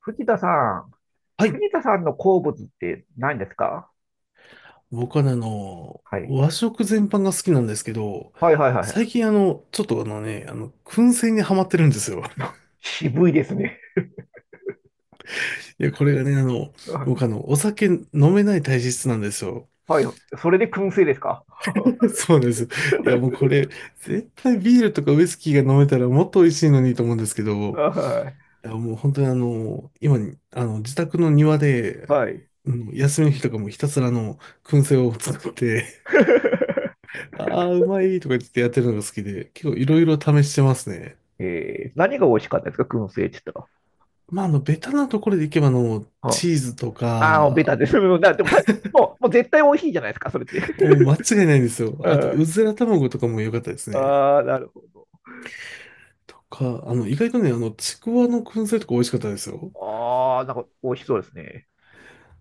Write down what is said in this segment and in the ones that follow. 藤田さん、はい。藤田さんの好物って何ですか？僕はね、はい。和食全般が好きなんですけど、はいはいはい。最近ちょっと燻製にハマってるんですよ。渋いですね。いや、これがね、僕お酒飲めない体質なんですよ。はい。それで燻製ですか？ そうなんです。いや、もうこれ、絶対ビールとかウイスキーが飲めたらもっと美味しいのにと思うんですけど、はいや、もう本当に今に、あの、自宅の庭い。で、はい。うん休みの日とかもひたすら燻製を作って、ああ、うまいとか言ってやってるのが好きで、結構いろいろ試してますね。何が美味しかったですか、燻製って言ったら？まあ、ベタなところでいけば、はチーズとああー、ベか、タです。うんなでもた、もう絶対美味しいじゃないですか、それって。もう間違いないんですよ。うあと、うんずら卵とかも良かったですね。ああ、なるほど。とか、意外とね、ちくわの燻製とか美味しかったですよ。ああ、なんか美味しそうですね。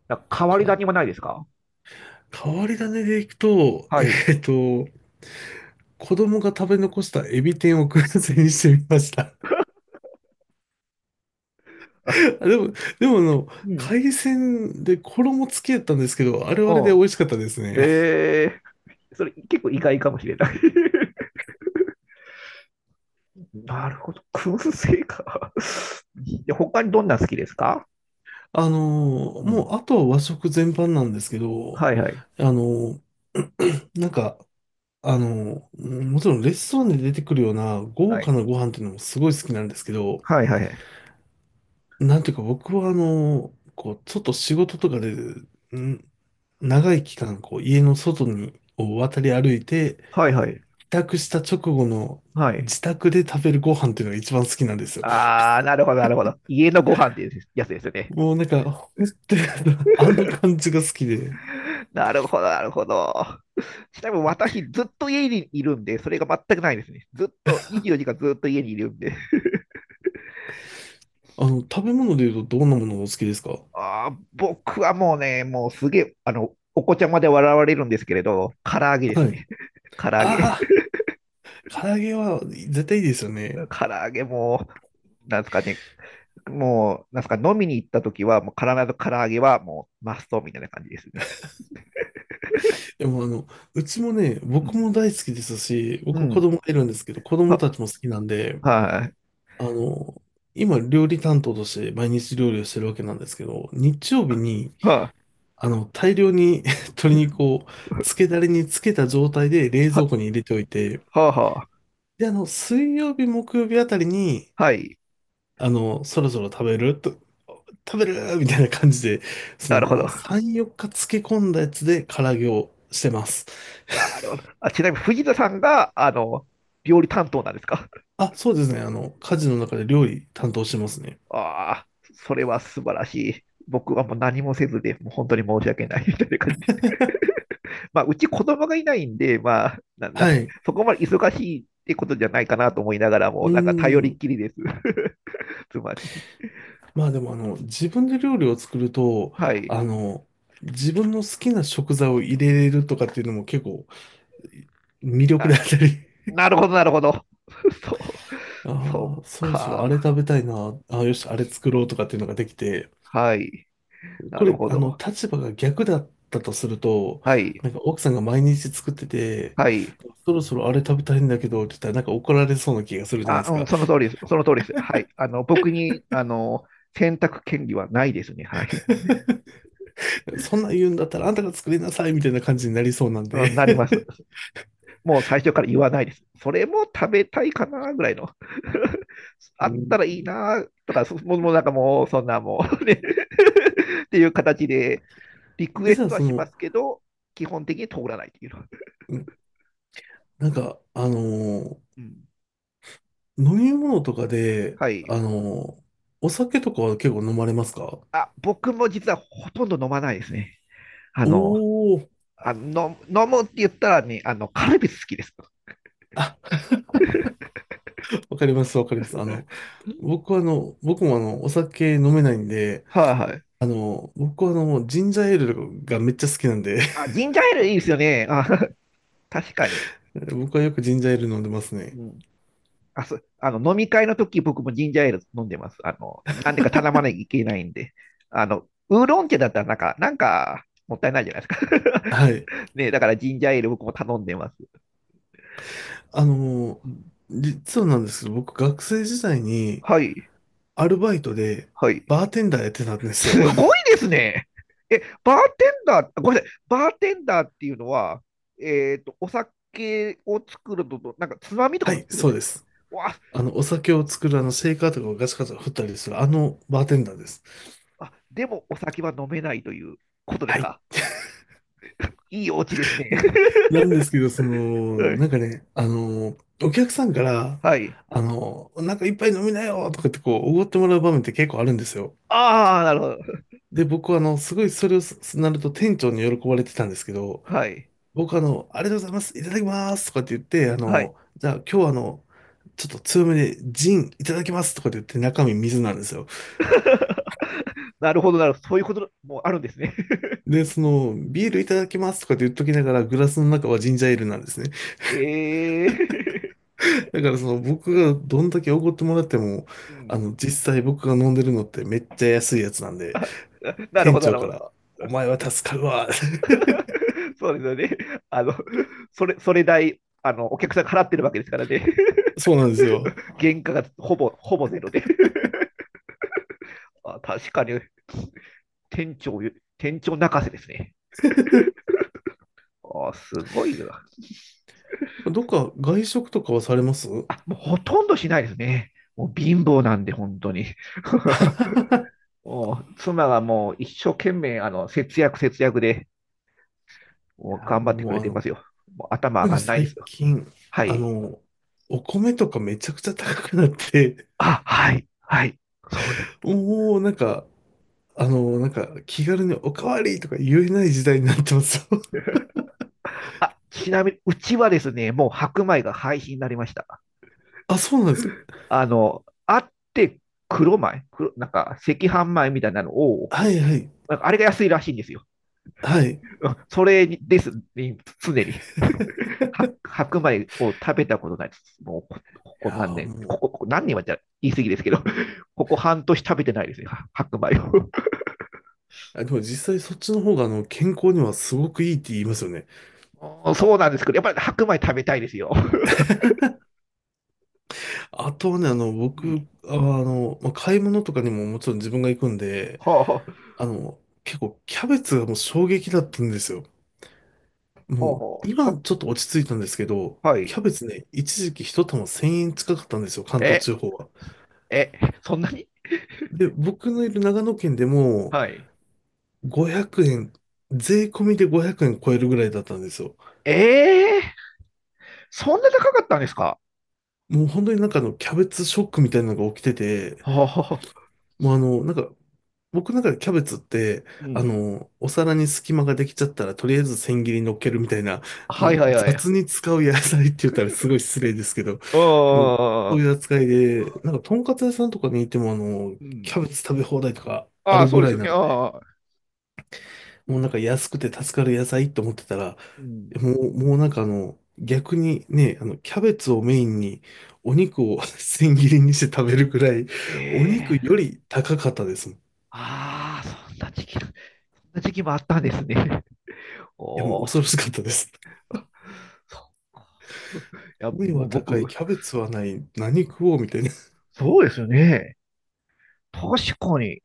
なんかと変わりか、種もないですか？変わり種でいくと、はい。えっと、子供が食べ残したエビ天を燻製にしてみました。あ あでも、でも、うん。海鮮で衣つけたんですけど、あれはあれでう美味しかったですん。ね。ええーそれ結構意外かもしれない。 なるほど。燻製か。で、他にどんな好きですか？うん。もう、あとは和食全般なんですけはど、いはい。あの、なんか、もちろんレストランで出てくるような豪は華い。なご飯っていうのもすごい好きなんですけど、はいはいはい。なんていうか僕はちょっと仕事とかで、長い期間、こう、家の外を渡り歩いて、はいはい。帰宅した直後のはいはいはい。自宅で食べるご飯っていうのが一番好きなんですよ。あー、なるほど、なるほど。家のご飯っていうやつですよね。もうなんか、ほんとに あの感じが好きで、なるほど、なるほど。ちなみに私、ずっと家にいるんで、それが全くないですね。ずっと、24時間ずっと家にいるんで。食べ物で言うとどんなものがお好きですか？あー、僕はもうね、もうすげえ、お子ちゃまで笑われるんですけれど、唐揚げですはい。ね。唐揚げ。ああ、唐揚げは絶対いいですよね。唐揚げもなんですかね、もう、なんすか、飲みに行った時は、もう必ず唐揚げはもうマストみたいな感じですね。でもうちもね、う僕んも大好きですし、う僕子ん。供がいるんですけど、子供は、たちも好きなんで、はい。あの、今料理担当として毎日料理をしてるわけなんですけど、日曜日に、は、大量に 鶏肉を漬けだれに漬けた状態で冷蔵は、庫に入れておいて、は、は、で、水曜日、木曜日あたりに、はい。そろそろ食べるみたいな感じで、そなるほど。の、3、4日漬け込んだやつで唐揚げをしてます。なるほど。あ、ちなみに藤田さんが、料理担当なんですか？あ、そうですね。家事の中で料理担当してますね。ああ、それは素晴らしい。僕はもう何もせずで、もう本当に申し訳ないみたいな感じで。まあ、うち子供がいないんで、まあ、な、なんはか、い。そこまで忙しいってことじゃないかなと思いながらうも、ーなんか頼りっん。きりです。つまり。まあでも、自分で料理を作ると、はい。あの、自分の好きな食材を入れれるとかっていうのも結構魅力であったり、なるほど、なるほど。そう。そあうあ、そろそろか。あれ食べたいな、ああ、よし、あれ作ろうとかっていうのができて、はい。なこるれ、ほど。立場が逆だったとすると、はい。なんか奥さんが毎日作ってて、はい。そろそろあれ食べたいんだけどって言ったら、なんか怒られそうな気がするじゃないであ、すうん、か。その通りです。その通りです。はい。僕に、選択権利はないですね。はい。そんなん言うんだったらあんたが作りなさいみたいな感じになりそうなん うで ん、なります。もう最初から言わないです。それも食べたいかな、ぐらいの。うあったん。らいいな、とか、そもう、もうなんかもう、そんなもう、ね。 っていう形で、リ クえ、エじゃスあトはそしまの、すけど、基本的に通らないっていうのは。うんなんか、ーうん。飲み物とかで、はい。お酒とかは結構飲まれますか？あ、僕も実はほとんど飲まないですね。あの、おおー。飲むって言ったらね、カルピス好きです。あ、わかります、わかります。僕はあの、僕もあの、お酒飲めないんで、はいはい。僕はジンジャーエールがめっちゃ好きなんで あ、ジンジャーエールいいですよね。あ、確かに。僕はよくジンジャーエール飲んでますね。うん。あ、そ、あの、飲み会の時僕もジンジャーエール飲んでます。なんでか頼まなきゃいけないんで。ウーロン茶だったらなんか、もったいないじゃないですはか。い。ね、だからジンジャーエール僕も頼んでます。あのうん実はなんですけど、僕学生時代に、はい、アルバイトで、はい。バーテンダーやってたんですすよ。ごいですね。え、バーテンダー、ごめんなさい、バーテンダーっていうのは、お酒を作るのと、なんかつまみとかはもい、作るんそでうすでか？す。わお酒を作る、シェイカーとかをガチャガチャ振ったりする、バーテンダーです。あ、あ、でもお酒は飲めないということですはい。か？いいお家ですね。なんですけど、そうの、んなんかね、お客さんから、はい。なんか一杯飲みなよとかってこう、おごってもらう場面って結構あるんですよ。ああ、なるほど。で、僕はすごいそれをすなると店長に喜ばれてたんですけど、はい。僕ありがとうございます、いただきますとかって言って、はい。じゃあ今日ちょっと強めでジンいただきますとかって言って中身水なんですよ。なるほど、なるほど。そういうこともあるんですね。で、その、ビールいただきますとかって言っときながらグラスの中はジンジャーエールなんですね。ええー だからその僕がどんだけ奢ってもらっても、うん。実際僕が飲んでるのってめっちゃ安いやつなんで、なる店ほど、な長るかほど。ら、お前は助かるわ。そうですよね。あの、それ代、お客さんが払ってるわけですからね。そうなんですよ。原価がほぼゼロで。あ確かに、店長、店長泣かせですね。あすごいな。どっか外食とかはされますい？あ、もうほとんどしないですね。もう貧乏なんで、本当に。もう妻がもう一生懸命、節約節約で、もうや、頑張ってくもれうてますよ。もう頭上特にがんないです最よ。近、はあい。の、お米とかめちゃくちゃ高くなって、あ、はい、はい。そうです。もうなんか、なんか気軽におかわりとか言えない時代になってます。あ、ちなみに、うちはですね、もう白米が廃止になりました。あ、そうなんですか。あって黒米、なんか赤飯米みたいなのを、はいはい。なんかあれが安いらしいんですよ。はい。いうんそれにです、ね、常に。白米を食べたことないです。もうこ、ここや何ー年、もこう、こ、ここ何年はじゃ言い過ぎですけど、ここ半年食べてないですね、白米を。あ、でも実際そっちの方が健康にはすごくいいって言いますよね。そうなんですけど、やっぱり白米食べたいですよ。あとはね、うん僕、まあ、買い物とかにももちろん自分が行くんで、はあ、は結構キャベツがもう衝撃だったんですよ。あ、はもう、あ今はちょっと落ち着いたんですけど、はキい。ャベツね、一時期一玉1000円近かったんですよ、関東え、地方は。え、そんなにで、僕のいる長野県でもはい。500円、税込みで500円超えるぐらいだったんですよ。ええーそんな高かったんですか？もう本当になんかキャベツショックみたいなのが起きてて、はもう僕の中でキャベツって、うん。お皿に隙間ができちゃったら、とりあえず千切りに乗っけるみたいな、あ、もはいうはいは雑い。に使う野菜って言ったらすごい失礼ですけど、うあん。そうんいう扱いで、なんか、とんかつ屋さんとかにいても、うキん。ャベツ食べ放題とかあああ、るそぐうでらすいよなんね。で、ああ。もうなんか安くて助かる野菜と思ってたら、うん。もうなんか逆にね、キャベツをメインに、お肉を 千切りにして食べるぐらい、えお肉えーより高かったですもん。いああ、そんな時期もあったんですね。や、もうおお、恐ろしかったです。そう いや、米もはう僕、高い、キャベツはない、何食おうみたいな。そうですよね。確かに。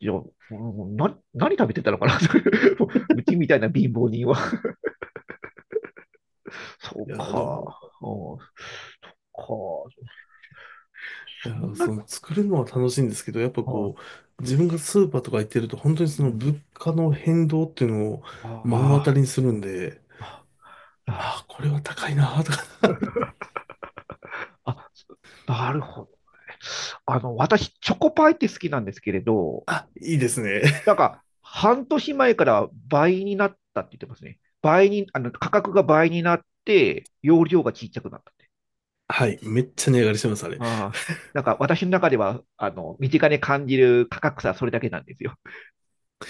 いや、もう何食べてたのかな。 もううちみたいな貧乏人は。そうや、でも、か。うん、そっか。いそや、んな、その作るのは楽しいんですけど、やっぱこあう、自分がスーパーとか行ってると、本当にうそのん物価の変動っていうのをあ目の当たーりにするんで、あ、あなるほああ、これは高いなーとか、ど。あ、なるほどね。私、チョコパイって好きなんですけれ ど、あ、いいですね。なんか、半年前から倍になったって言ってますね。倍に、価格が倍になって、容量が小さくなったって。はい、めっちゃ値上がりしてます、あれ。ああ、なんか、私の中では、身近に感じる価格差はそれだけなんですよ。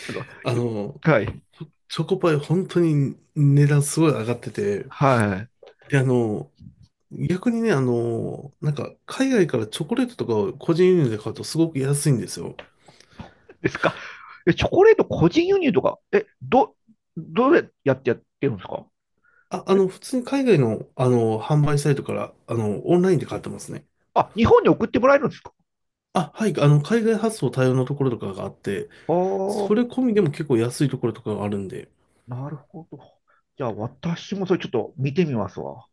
あの、あよの、はい。チョコパイ、本当に値段すごい上がってて、はい。で、逆にね、海外からチョコレートとかを個人輸入で買うとすごく安いんですよ。ですか。え、チョコレート個人輸入とか、え、どれやってやってるんですか？あ、普通に海外の、販売サイトから、オンラインで買ってますね。あ、日本に送ってもらえるんです？あ、はい、海外発送対応のところとかがあって、あそあ、れ込みでも結構安いところとかがあるんで、なるほど。じゃあ、私もそれちょっと見てみますわ。